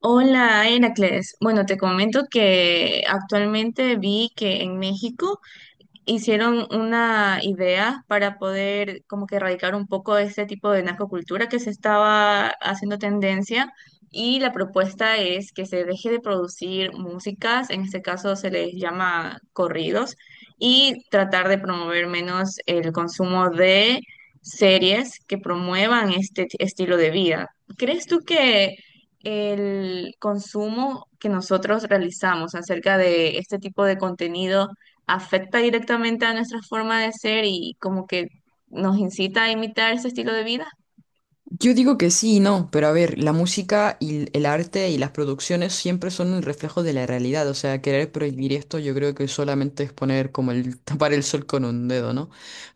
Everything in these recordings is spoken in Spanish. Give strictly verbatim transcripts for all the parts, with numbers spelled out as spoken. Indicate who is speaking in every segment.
Speaker 1: Hola, Heracles. Bueno, te comento que actualmente vi que en México hicieron una idea para poder como que erradicar un poco este tipo de narcocultura que se estaba haciendo tendencia y la propuesta es que se deje de producir músicas, en este caso se les llama corridos, y tratar de promover menos el consumo de series que promuevan este t- estilo de vida. ¿Crees tú que el consumo que nosotros realizamos acerca de este tipo de contenido afecta directamente a nuestra forma de ser y como que nos incita a imitar ese estilo de vida?
Speaker 2: Yo digo que sí y no, pero a ver, la música y el el arte y las producciones siempre son el reflejo de la realidad, o sea, querer prohibir esto yo creo que solamente es poner como el tapar el sol con un dedo, ¿no?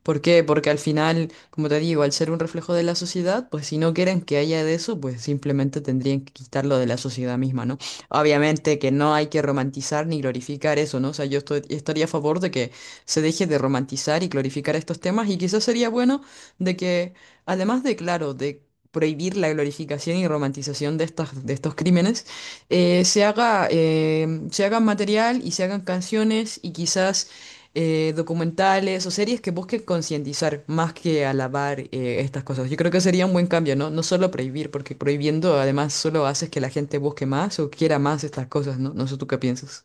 Speaker 2: ¿Por qué? Porque al final, como te digo, al ser un reflejo de la sociedad, pues si no quieren que haya de eso, pues simplemente tendrían que quitarlo de la sociedad misma, ¿no? Obviamente que no hay que romantizar ni glorificar eso, ¿no? O sea, yo estoy- estaría a favor de que se deje de romantizar y glorificar estos temas y quizás sería bueno de que... Además de, claro, de prohibir la glorificación y romantización de estas, de estos crímenes, eh, se haga, eh, se hagan material y se hagan canciones y quizás eh, documentales o series que busquen concientizar más que alabar eh, estas cosas. Yo creo que sería un buen cambio, ¿no? No solo prohibir, porque prohibiendo además solo haces que la gente busque más o quiera más estas cosas, ¿no? No sé tú qué piensas.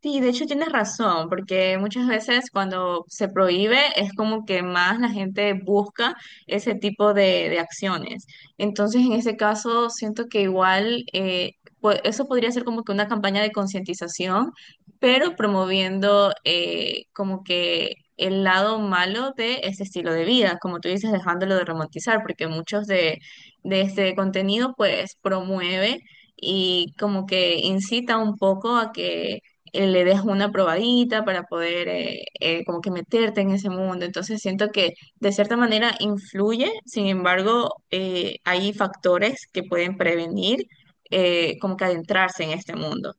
Speaker 1: Sí, de hecho tienes razón, porque muchas veces cuando se prohíbe es como que más la gente busca ese tipo de, de acciones. Entonces, en ese caso, siento que igual eh, pu- eso podría ser como que una campaña de concientización, pero promoviendo eh, como que el lado malo de ese estilo de vida, como tú dices, dejándolo de romantizar, porque muchos de, de este contenido pues promueve y como que incita un poco a que eh, le des una probadita para poder eh, eh, como que meterte en ese mundo. Entonces siento que de cierta manera influye, sin embargo, eh, hay factores que pueden prevenir eh, como que adentrarse en este mundo.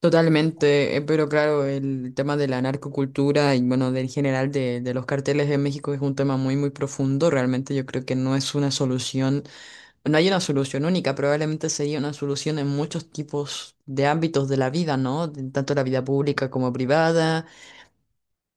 Speaker 2: Totalmente, eh, pero claro, el tema de la narcocultura y bueno, del general de, de los carteles de México es un tema muy, muy profundo. Realmente yo creo que no es una solución, no hay una solución única, probablemente sería una solución en muchos tipos de ámbitos de la vida, ¿no? De- Tanto la vida pública como privada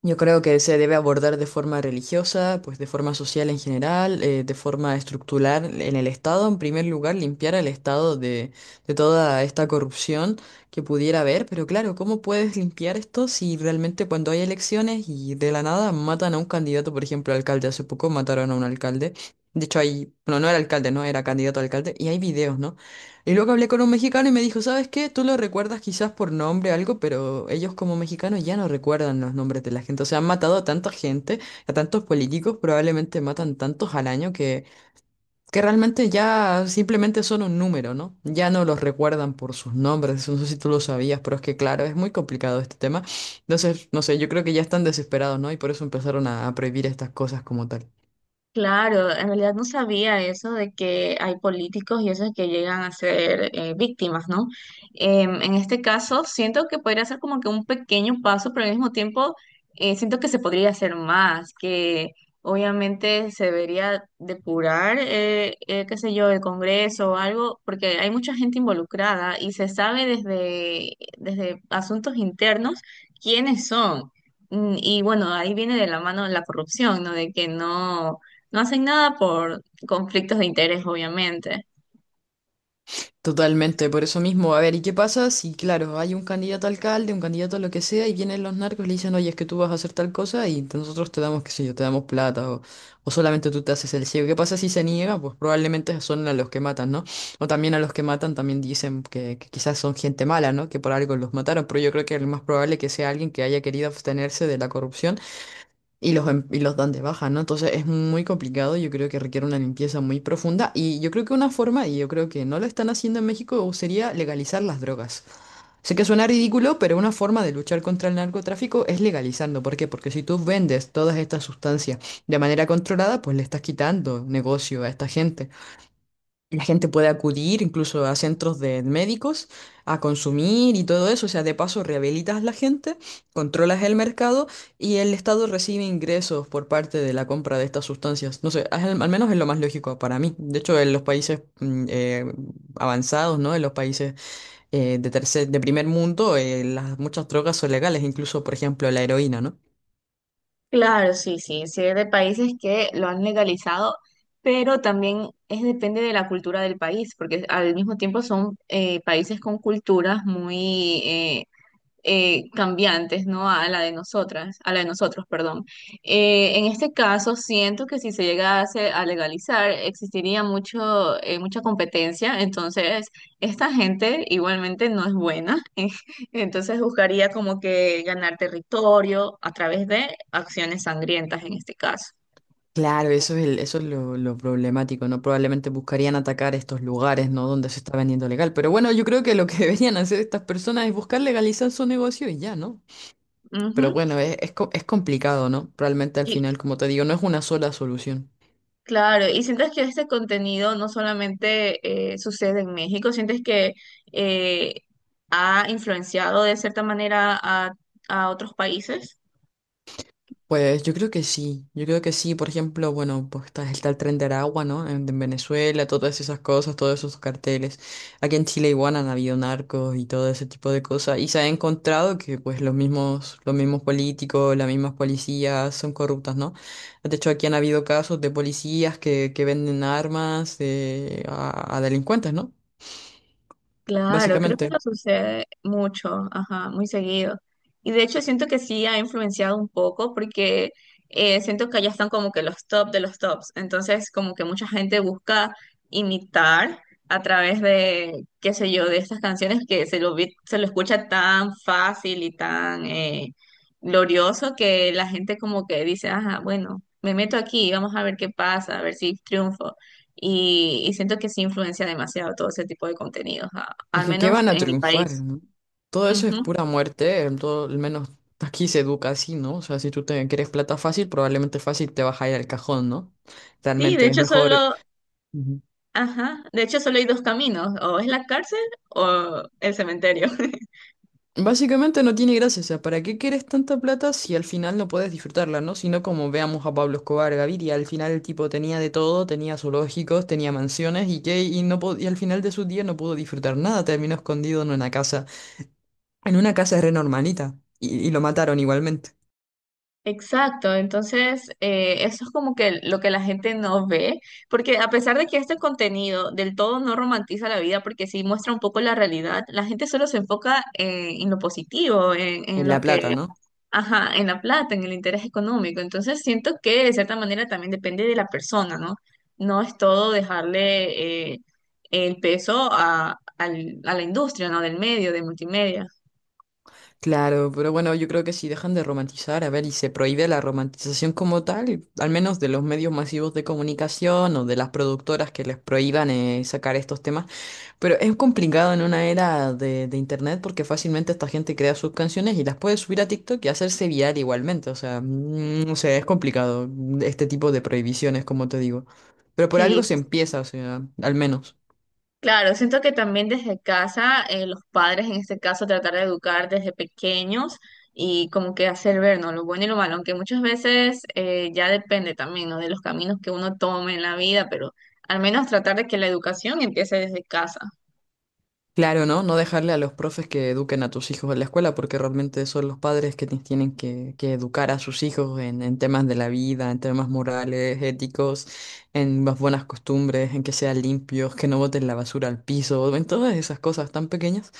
Speaker 2: yo creo que se debe abordar de forma religiosa, pues de forma social en general, eh, de forma estructural en el Estado. En primer lugar, limpiar al Estado de, de toda esta corrupción que pudiera haber. Pero claro, ¿cómo puedes limpiar esto si realmente cuando hay elecciones y de la nada matan a un candidato, por ejemplo, alcalde? Hace poco mataron a un alcalde. De hecho, hay, bueno, no era alcalde, no, era candidato a alcalde. Y hay videos, ¿no? Y luego hablé con un mexicano y me dijo, ¿sabes qué? Tú lo recuerdas quizás por nombre, algo, pero ellos como mexicanos ya no recuerdan los nombres de la gente. O sea, han matado a tanta gente, a tantos políticos, probablemente matan tantos al año que, que realmente ya simplemente son un número, ¿no? Ya no los recuerdan por sus nombres. No sé si tú lo sabías, pero es que claro, es muy complicado este tema. Entonces, no sé, yo creo que ya están desesperados, ¿no? Y por eso empezaron a a prohibir estas cosas como tal.
Speaker 1: Claro, en realidad no sabía eso de que hay políticos y esos que llegan a ser eh, víctimas, ¿no? Em, en este caso, siento que podría ser como que un pequeño paso, pero al mismo tiempo eh, siento que se podría hacer más, que obviamente se debería depurar, eh, eh, qué sé yo, el Congreso o algo, porque hay mucha gente involucrada y se sabe desde, desde asuntos internos quiénes son. Mm, y bueno, ahí viene de la mano la corrupción, ¿no? De que no no hacen nada por conflictos de interés, obviamente.
Speaker 2: Totalmente, por eso mismo. A ver, ¿y qué pasa si, claro, hay un candidato a alcalde, un candidato a lo que sea, y vienen los narcos y le dicen, oye, es que tú vas a hacer tal cosa y te- nosotros te damos, qué sé yo, te damos plata o, o solamente tú te haces el ciego? ¿Qué pasa si se niega? Pues probablemente son a los que matan, ¿no? O también a los que matan también dicen que, que quizás son gente mala, ¿no? Que por algo los mataron, pero yo creo que es más probable que sea alguien que haya querido abstenerse de la corrupción y los, em- y los dan de baja, ¿no? Entonces es muy complicado, yo creo que requiere una limpieza muy profunda y yo creo que una forma, y yo creo que no lo están haciendo en México, sería legalizar las drogas. Sé que suena ridículo, pero una forma de luchar contra el narcotráfico es legalizando. ¿Por qué? Porque si tú vendes todas estas sustancias de manera controlada, pues le estás quitando negocio a esta gente. La gente puede acudir incluso a centros de médicos a consumir y todo eso. O sea, de paso rehabilitas a la gente, controlas el mercado y el Estado recibe ingresos por parte de la compra de estas sustancias. No sé, al, al menos es lo más lógico para mí. De hecho, en los países mm, eh, avanzados, ¿no? En los países eh, de tercer, de primer mundo, eh, las, muchas drogas son legales, incluso, por ejemplo, la heroína, ¿no?
Speaker 1: Claro, sí, sí, sí, es de países que lo han legalizado, pero también es depende de la cultura del país, porque al mismo tiempo son eh, países con culturas muy eh, eh, cambiantes, ¿no? A la de nosotras, a la de nosotros, perdón. Eh, en este caso, siento que si se llegase a legalizar, existiría mucho, eh, mucha competencia, entonces esta gente igualmente no es buena, entonces buscaría como que ganar territorio a través de acciones sangrientas en este caso.
Speaker 2: Claro, eso es, el- eso es lo, lo problemático, ¿no? Probablemente buscarían atacar estos lugares, ¿no? Donde se está vendiendo legal. Pero bueno, yo creo que lo que deberían hacer estas personas es buscar legalizar su negocio y ya, ¿no? Pero
Speaker 1: Ujú.
Speaker 2: bueno, es, es, co- es complicado, ¿no? Realmente al final, como te digo, no es una sola solución.
Speaker 1: Claro, y sientes que este contenido no solamente eh, sucede en México, sientes que eh, ha influenciado de cierta manera a, a otros países.
Speaker 2: Pues yo creo que sí, yo creo que sí, por ejemplo, bueno, pues está, está el tren de Aragua, ¿no? En, en Venezuela, todas esas cosas, todos esos carteles. Aquí en Chile igual han habido narcos y todo ese tipo de cosas, y se ha encontrado que pues los mismos, los mismos políticos, las mismas policías son corruptas, ¿no? De hecho, aquí han habido casos de policías que, que venden armas eh, a, a delincuentes, ¿no?
Speaker 1: Claro, creo que
Speaker 2: Básicamente.
Speaker 1: nos sucede mucho, ajá, muy seguido. Y de hecho siento que sí ha influenciado un poco porque eh, siento que allá están como que los top de los tops. Entonces como que mucha gente busca imitar a través de, qué sé yo, de estas canciones que se lo, vi- se lo escucha tan fácil y tan eh, glorioso que la gente como que dice, ajá, bueno, me meto aquí, vamos a ver qué pasa, a ver si triunfo y, y siento que sí influencia demasiado todo ese tipo de contenidos, a-
Speaker 2: Es
Speaker 1: al
Speaker 2: que, ¿qué
Speaker 1: menos
Speaker 2: van a
Speaker 1: en mi
Speaker 2: triunfar?
Speaker 1: país.
Speaker 2: ¿no? Todo eso es
Speaker 1: Ujú.
Speaker 2: pura muerte, eh, todo, al menos aquí se educa así, ¿no? O sea, si tú te quieres plata fácil, probablemente fácil te vas a ir al cajón, ¿no?
Speaker 1: Sí, de
Speaker 2: Realmente es
Speaker 1: hecho
Speaker 2: mejor.
Speaker 1: solo,
Speaker 2: Ujú.
Speaker 1: ajá, de hecho solo hay dos caminos, o es la cárcel o el cementerio.
Speaker 2: Básicamente no tiene gracia, o sea, ¿para qué quieres tanta plata si al final no puedes disfrutarla, ¿no? Sino como veamos a Pablo Escobar Gaviria, al final el tipo tenía de todo, tenía zoológicos, tenía mansiones y qué, y no po- y al final de su día no pudo disfrutar nada, terminó escondido en una casa, en una casa re normalita, y y lo mataron igualmente,
Speaker 1: Exacto, entonces eh, eso es como que lo que la gente no ve, porque a pesar de que este contenido del todo no romantiza la vida, porque sí muestra un poco la realidad, la gente solo se enfoca en, en lo positivo, en, en
Speaker 2: en
Speaker 1: lo
Speaker 2: La Plata,
Speaker 1: que
Speaker 2: ¿no?
Speaker 1: ajá, en la plata, en el interés económico. Entonces siento que de cierta manera también depende de la persona, ¿no? No es todo dejarle eh, el peso a, al- a la industria, ¿no? Del medio, de multimedia.
Speaker 2: Claro, pero bueno, yo creo que si dejan de romantizar, a ver, y se prohíbe la romantización como tal, al menos de los medios masivos de comunicación o de las productoras que les prohíban eh, sacar estos temas, pero es complicado en una era de, de internet porque fácilmente esta gente crea sus canciones y las puede subir a TikTok y hacerse viral igualmente, o sea, mm, o sea, es complicado mm, este tipo de prohibiciones, como te digo, pero por
Speaker 1: Sí,
Speaker 2: algo se empieza, o sea, al menos.
Speaker 1: claro, siento que también desde casa, eh, los padres en este caso tratar de educar desde pequeños y como que hacer ver, ¿no? Lo bueno y lo malo, aunque muchas veces eh, ya depende también, ¿no? De los caminos que uno tome en la vida, pero al menos tratar de que la educación empiece desde casa.
Speaker 2: Claro, ¿no? No dejarle a los profes que eduquen a tus hijos en la escuela, porque realmente son los padres que ti- tienen que, que educar a sus hijos en, en temas de la vida, en temas morales, éticos, en las buenas costumbres, en que sean limpios, que no boten la basura al piso, en todas esas cosas tan pequeñas.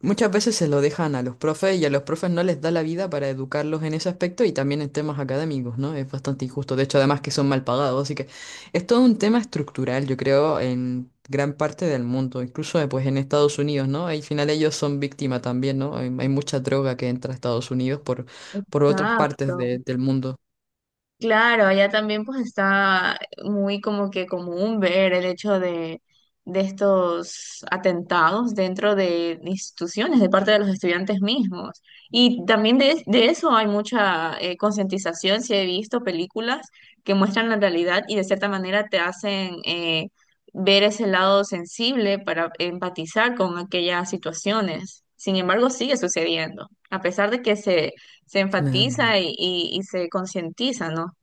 Speaker 2: Muchas veces se lo dejan a los profes y a los profes no les da la vida para educarlos en ese aspecto y también en temas académicos, ¿no? Es bastante injusto. De hecho, además que son mal pagados, así que es todo un tema estructural, yo creo, en gran parte del mundo, incluso eh, pues en Estados Unidos, ¿no? Al final ellos son víctimas también, ¿no? Hay, hay mucha droga que entra a Estados Unidos por, por otras partes
Speaker 1: Exacto.
Speaker 2: de- del mundo.
Speaker 1: Claro, allá también pues está muy como que común ver el hecho de, de estos atentados dentro de instituciones de parte de los estudiantes mismos. Y también de, de eso hay mucha eh, concientización, si he visto películas que muestran la realidad y de cierta manera te hacen eh, ver ese lado sensible para empatizar con aquellas situaciones. Sin embargo, sigue sucediendo, a pesar de que se, se
Speaker 2: Claro.
Speaker 1: enfatiza y, y y se concientiza, ¿no?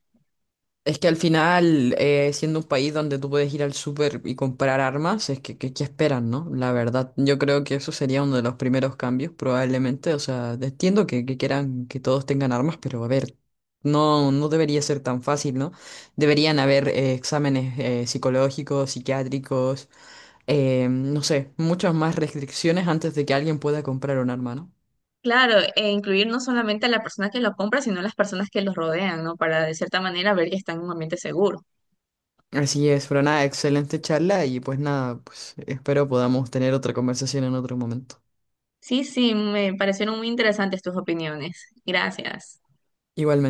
Speaker 2: Es que al final, eh, siendo un país donde tú puedes ir al súper y comprar armas, es que, que, que esperan, ¿no? La verdad, yo creo que eso sería uno de los primeros cambios, probablemente. O sea, entiendo que, que quieran que todos tengan armas, pero a ver, no, no debería ser tan fácil, ¿no? Deberían haber eh, exámenes eh, psicológicos, psiquiátricos, eh, no sé, muchas más restricciones antes de que alguien pueda comprar un arma, ¿no?
Speaker 1: Claro, e incluir no solamente a la persona que lo compra, sino a las personas que los rodean, ¿no? Para de cierta manera ver que están en un ambiente seguro.
Speaker 2: Así es, pero nada, excelente charla y pues nada, pues espero podamos tener otra conversación en otro momento.
Speaker 1: Sí, sí, me parecieron muy interesantes tus opiniones. Gracias.
Speaker 2: Igualmente.